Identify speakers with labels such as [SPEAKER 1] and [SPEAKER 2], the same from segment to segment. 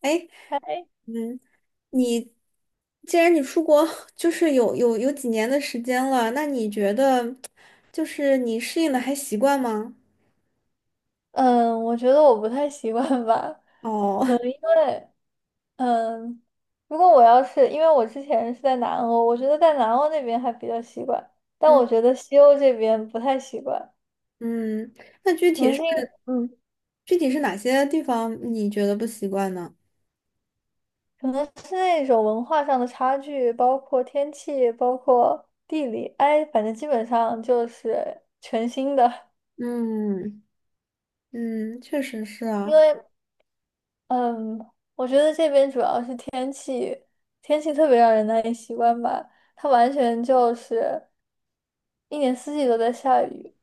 [SPEAKER 1] 哎，
[SPEAKER 2] 哎，
[SPEAKER 1] 嗯，你既然你出国 就是有几年的时间了，那你觉得就是你适应的还习惯吗？
[SPEAKER 2] 嗯，我觉得我不太习惯吧，
[SPEAKER 1] 哦，
[SPEAKER 2] 可能因为，嗯，如果我要是，因为我之前是在南欧，我觉得在南欧那边还比较习惯，但
[SPEAKER 1] 嗯
[SPEAKER 2] 我觉得西欧这边不太习惯，
[SPEAKER 1] 嗯，那具
[SPEAKER 2] 可
[SPEAKER 1] 体
[SPEAKER 2] 能
[SPEAKER 1] 是
[SPEAKER 2] 是因，嗯，
[SPEAKER 1] 具体是哪些地方你觉得不习惯呢？
[SPEAKER 2] 可能是那种文化上的差距，包括天气，包括地理，哎，反正基本上就是全新的。
[SPEAKER 1] 嗯嗯，确实是
[SPEAKER 2] 因
[SPEAKER 1] 啊。
[SPEAKER 2] 为嗯，我觉得这边主要是天气，天气特别让人难以习惯吧。它完全就是一年四季都在下雨，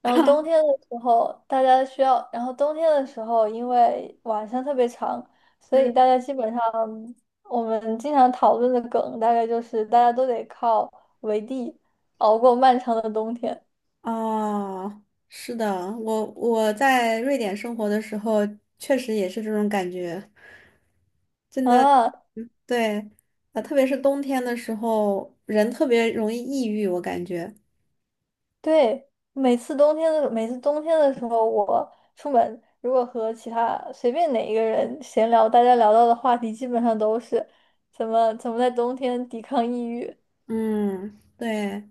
[SPEAKER 2] 然后冬天 的时候大家需要，然后冬天的时候因为晚上特别长，所以
[SPEAKER 1] 嗯，
[SPEAKER 2] 大家基本上我们经常讨论的梗大概就是大家都得靠围地熬过漫长的冬天
[SPEAKER 1] 哦，是的，我在瑞典生活的时候，确实也是这种感觉，真的。
[SPEAKER 2] 啊。
[SPEAKER 1] 嗯，对，特别是冬天的时候，人特别容易抑郁，我感觉。
[SPEAKER 2] 对，每次冬天的时候，我出门如果和其他随便哪一个人闲聊，大家聊到的话题基本上都是怎么怎么在冬天抵抗抑郁。
[SPEAKER 1] 嗯，对，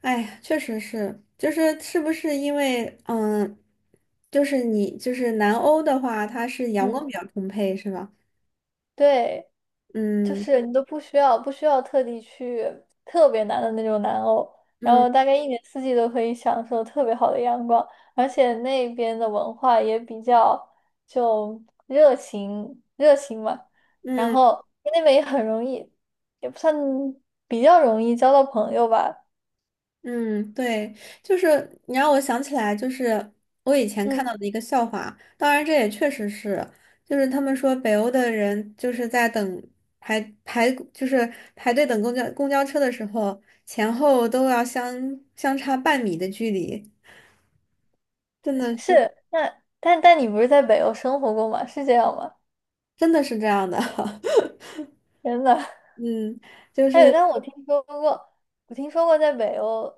[SPEAKER 1] 哎呀，确实是，就是是不是因为，嗯，就是你就是南欧的话，它是阳光
[SPEAKER 2] 嗯，
[SPEAKER 1] 比较充沛，是吧？
[SPEAKER 2] 对，就
[SPEAKER 1] 嗯
[SPEAKER 2] 是你都不需要特地去特别难的那种南欧，然后
[SPEAKER 1] 嗯
[SPEAKER 2] 大概一年四季都可以享受特别好的阳光，而且那边的文化也比较就热情热情嘛，然
[SPEAKER 1] 嗯。
[SPEAKER 2] 后那边也很容易，也不算比较容易交到朋友吧。
[SPEAKER 1] 嗯，对，就是你让我想起来，就是我以前看
[SPEAKER 2] 嗯，
[SPEAKER 1] 到的一个笑话，当然这也确实是，就是他们说北欧的人就是在等就是排队等公交车的时候，前后都要相差半米的距离，真的是
[SPEAKER 2] 是，那但你不是在北欧生活过吗？是这样吗？
[SPEAKER 1] 真的是这样的。
[SPEAKER 2] 真的。
[SPEAKER 1] 嗯，就
[SPEAKER 2] 哎，
[SPEAKER 1] 是
[SPEAKER 2] 但我听说过在北欧。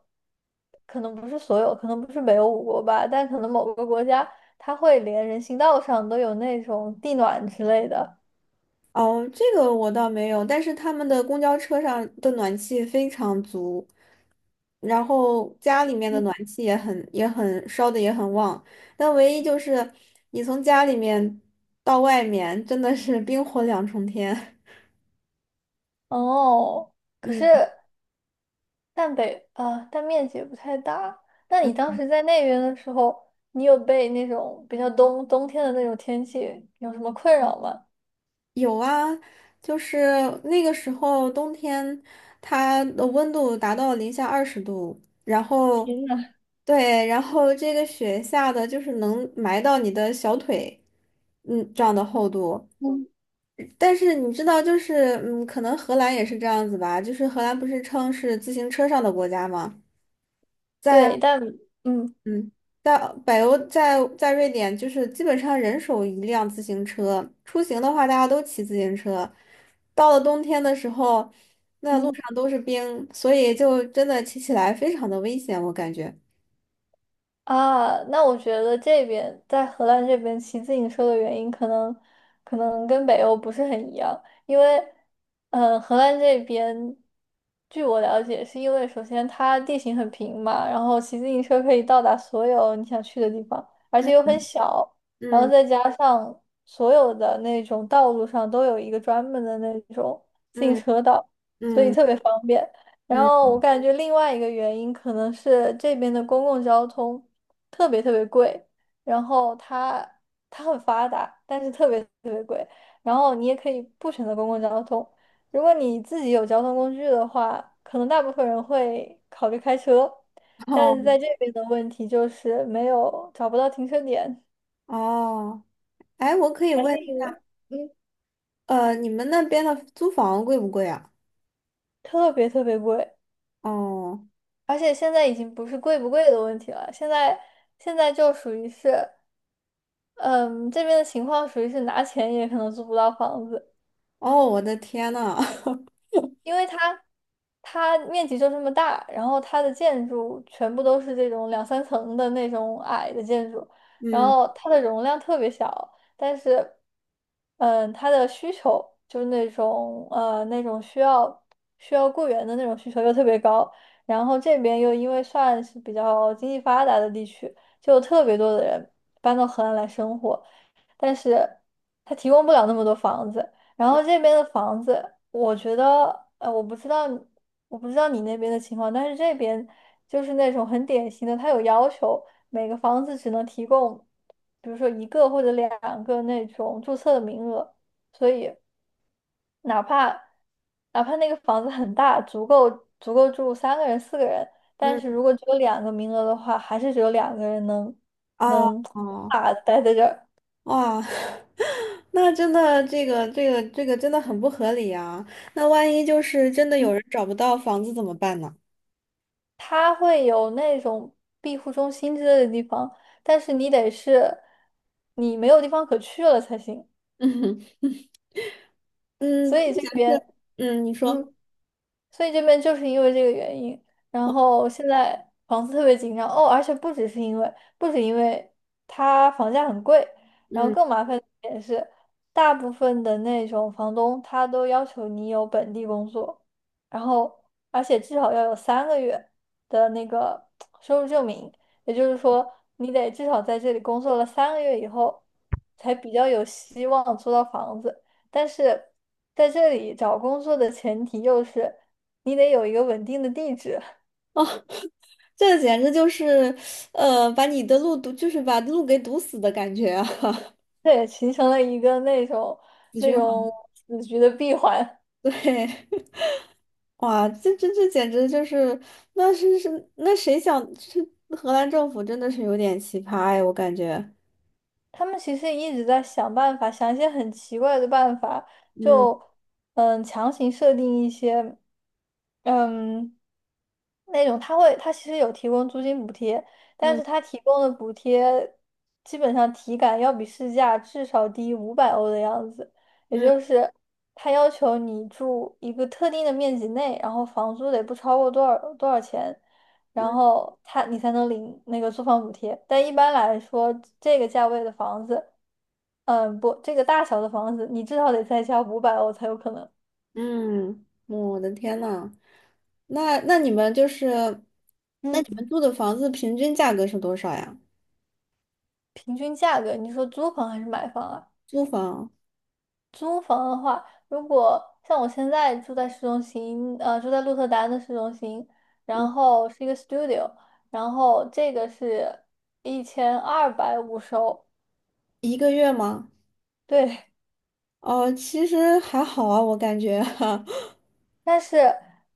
[SPEAKER 2] 可能不是所有，可能不是北欧五国吧，但可能某个国家它会连人行道上都有那种地暖之类的。
[SPEAKER 1] 哦，这个我倒没有，但是他们的公交车上的暖气非常足，然后家里面的
[SPEAKER 2] 嗯，
[SPEAKER 1] 暖气也很烧的也很旺，但唯一就是你从家里面到外面真的是冰火两重天。
[SPEAKER 2] 哦，可是
[SPEAKER 1] 嗯，
[SPEAKER 2] 但北啊，但面积也不太大。那你当时在那边的时候，你有被那种比较冬天的那种天气有什么困扰吗？
[SPEAKER 1] 有啊，就是那个时候冬天，它的温度达到零下20度，然后
[SPEAKER 2] 天呐，
[SPEAKER 1] 对，然后这个雪下的就是能埋到你的小腿，嗯，这样的厚度。
[SPEAKER 2] 嗯
[SPEAKER 1] 但是你知道，就是可能荷兰也是这样子吧。就是荷兰不是称是自行车上的国家吗？在
[SPEAKER 2] 对，嗯。
[SPEAKER 1] 嗯，在北欧，在瑞典，就是基本上人手一辆自行车。出行的话，大家都骑自行车。到了冬天的时候，那路
[SPEAKER 2] 嗯。
[SPEAKER 1] 上都是冰，所以就真的骑起来非常的危险，我感觉。
[SPEAKER 2] 啊，那我觉得这边在荷兰这边骑自行车的原因，可能跟北欧不是很一样，因为，嗯，荷兰这边，据我了解，是因为首先它地形很平嘛，然后骑自行车可以到达所有你想去的地方，而且又
[SPEAKER 1] 嗯
[SPEAKER 2] 很小，然后
[SPEAKER 1] 嗯
[SPEAKER 2] 再加上所有的那种道路上都有一个专门的那种自行
[SPEAKER 1] 嗯
[SPEAKER 2] 车道，所以
[SPEAKER 1] 嗯
[SPEAKER 2] 特别方便。然
[SPEAKER 1] 嗯，
[SPEAKER 2] 后我感觉另外一个原因可能是这边的公共交通。特别特别贵，然后它很发达，但是特别特别贵。然后你也可以不选择公共交通，如果你自己有交通工具的话，可能大部分人会考虑开车，但
[SPEAKER 1] 哦
[SPEAKER 2] 是在这边的问题就是没有找不到停车点，
[SPEAKER 1] 哦，哎，我可以
[SPEAKER 2] 还是
[SPEAKER 1] 问，
[SPEAKER 2] 因为嗯
[SPEAKER 1] 你们那边的租房贵不贵啊？
[SPEAKER 2] 特别特别贵，
[SPEAKER 1] 哦。
[SPEAKER 2] 而且现在已经不是贵不贵的问题了，现在就属于是嗯这边的情况属于是拿钱也可能租不到房子。
[SPEAKER 1] 哦，我的天呐，
[SPEAKER 2] 因为它面积就这么大，然后它的建筑全部都是这种两三层的那种矮的建筑，然
[SPEAKER 1] 嗯
[SPEAKER 2] 后它的容量特别小，但是，它的需求就是那种那种需要雇员的那种需求又特别高，然后这边又因为算是比较经济发达的地区，就有特别多的人搬到荷兰来生活。但是他提供不了那么多房子。然后这边的房子，我觉得，我不知道你那边的情况，但是这边就是那种很典型的，他有要求，每个房子只能提供，比如说一个或者两个那种注册的名额，所以哪怕哪怕那个房子很大，足够住三个人、四个人，但是
[SPEAKER 1] 嗯，
[SPEAKER 2] 如果只有两个名额的话，还是只有两个人
[SPEAKER 1] 哦
[SPEAKER 2] 能
[SPEAKER 1] 哦
[SPEAKER 2] 啊待在这儿。
[SPEAKER 1] 哇，那真的这个真的很不合理啊！那万一就是真的有人
[SPEAKER 2] 嗯
[SPEAKER 1] 找不到房子怎么办呢？
[SPEAKER 2] 它会有那种庇护中心之类的地方，但是你得是你没有地方可去了才行。
[SPEAKER 1] 嗯
[SPEAKER 2] 所
[SPEAKER 1] 嗯，
[SPEAKER 2] 以这
[SPEAKER 1] 假设
[SPEAKER 2] 边，
[SPEAKER 1] 嗯，你说
[SPEAKER 2] 嗯，所以这边就是因为这个原因，然后现在房子特别紧张哦，而且不只是因为，不止因为它房价很贵，然后
[SPEAKER 1] 嗯
[SPEAKER 2] 更麻烦的一点是，大部分的那种房东他都要求你有本地工作，然后而且至少要有三个月的那个收入证明，也就是说你得至少在这里工作了三个月以后，才比较有希望租到房子。但是在这里找工作的前提又是你得有一个稳定的地址，
[SPEAKER 1] 哦，这简直就是把你的路堵，就是把路给堵死的感觉啊，
[SPEAKER 2] 这也形成了一个
[SPEAKER 1] 死
[SPEAKER 2] 那
[SPEAKER 1] 循
[SPEAKER 2] 种
[SPEAKER 1] 环。
[SPEAKER 2] 死局的闭环。
[SPEAKER 1] 对，哇，这简直就是，那是那谁想，是荷兰政府真的是有点奇葩哎，我感觉。
[SPEAKER 2] 他们其实一直在想办法，想一些很奇怪的办法，
[SPEAKER 1] 嗯
[SPEAKER 2] 就强行设定一些嗯那种他其实有提供租金补贴，但是
[SPEAKER 1] 嗯
[SPEAKER 2] 他提供的补贴基本上体感要比市价至少低五百欧的样子，也就
[SPEAKER 1] 嗯
[SPEAKER 2] 是他要求你住一个特定的面积内，然后房租得不超过多少多少钱。然
[SPEAKER 1] 嗯
[SPEAKER 2] 后你才能领那个租房补贴。但一般来说，这个价位的房子，不，这个大小的房子，你至少得再加五百欧才有可能。
[SPEAKER 1] 嗯，我的天呐，那你们就是，那
[SPEAKER 2] 嗯，
[SPEAKER 1] 你们住的房子平均价格是多少呀？
[SPEAKER 2] 平均价格，你说租房还是买房啊？
[SPEAKER 1] 租房，
[SPEAKER 2] 租房的话，如果像我现在住在市中心，住在鹿特丹的市中心，
[SPEAKER 1] 嗯，
[SPEAKER 2] 然后是一个 studio，然后这个是1250欧，
[SPEAKER 1] 一个月吗？
[SPEAKER 2] 对，
[SPEAKER 1] 哦，其实还好啊，我感觉。
[SPEAKER 2] 但是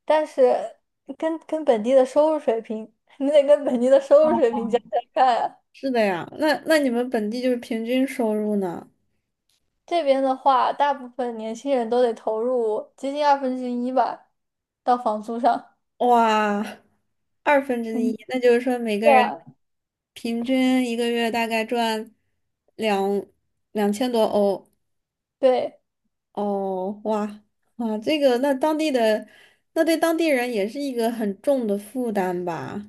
[SPEAKER 2] 但是跟本地的收入水平，你得跟本地的收入水平加加看啊。
[SPEAKER 1] 是的呀，那你们本地就是平均收入呢？
[SPEAKER 2] 这边的话，大部分年轻人都得投入接近1/2吧，到房租上。
[SPEAKER 1] 哇，1/2，
[SPEAKER 2] 嗯，
[SPEAKER 1] 那就是说每个
[SPEAKER 2] 对
[SPEAKER 1] 人
[SPEAKER 2] 啊，
[SPEAKER 1] 平均一个月大概赚两两千多欧。
[SPEAKER 2] 对，
[SPEAKER 1] 哦，哇哇，这个那当地的，那对当地人也是一个很重的负担吧？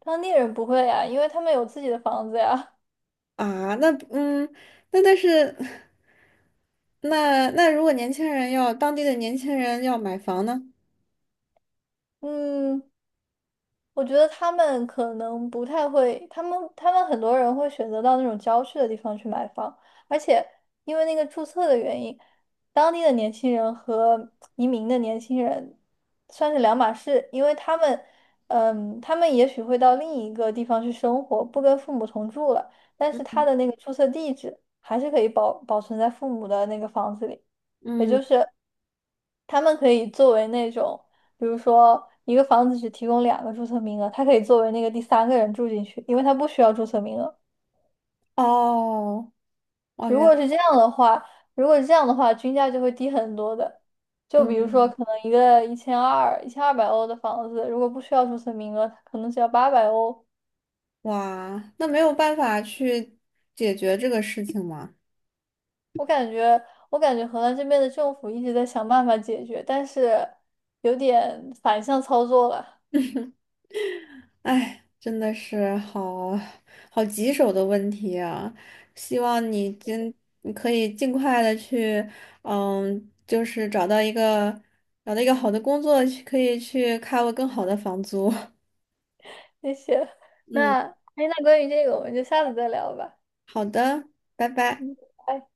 [SPEAKER 2] 当地人不会啊，因为他们有自己的房子呀。
[SPEAKER 1] 啊，那嗯，那但是，那如果年轻人要当地的年轻人要买房呢？
[SPEAKER 2] 嗯，我觉得他们可能不太会，他们很多人会选择到那种郊区的地方去买房，而且因为那个注册的原因，当地的年轻人和移民的年轻人算是两码事，因为他们也许会到另一个地方去生活，不跟父母同住了，但是他的那个注册地址还是可以保存在父母的那个房子里，也
[SPEAKER 1] 嗯，
[SPEAKER 2] 就是他们可以作为那种。比如说一个房子只提供两个注册名额，他可以作为那个第三个人住进去，因为他不需要注册名额。
[SPEAKER 1] 哦哦，
[SPEAKER 2] 如
[SPEAKER 1] 原来，
[SPEAKER 2] 果是这样的话，如果是这样的话，均价就会低很多的。就比如
[SPEAKER 1] 嗯，
[SPEAKER 2] 说，可能一个一千二、1200欧的房子，如果不需要注册名额，它可能只要800欧。
[SPEAKER 1] 哇，那没有办法去解决这个事情吗？
[SPEAKER 2] 我感觉，我感觉荷兰这边的政府一直在想办法解决，但是有点反向操作了。
[SPEAKER 1] 哎，真的是好棘手的问题啊！希望你可以尽快的去，就是找到一个好的工作，可以去 cover 更好的房租。
[SPEAKER 2] 谢谢。
[SPEAKER 1] 嗯，
[SPEAKER 2] 那，哎，那关于这个，我们就下次再聊吧。
[SPEAKER 1] 好的，拜拜。
[SPEAKER 2] 嗯。拜拜。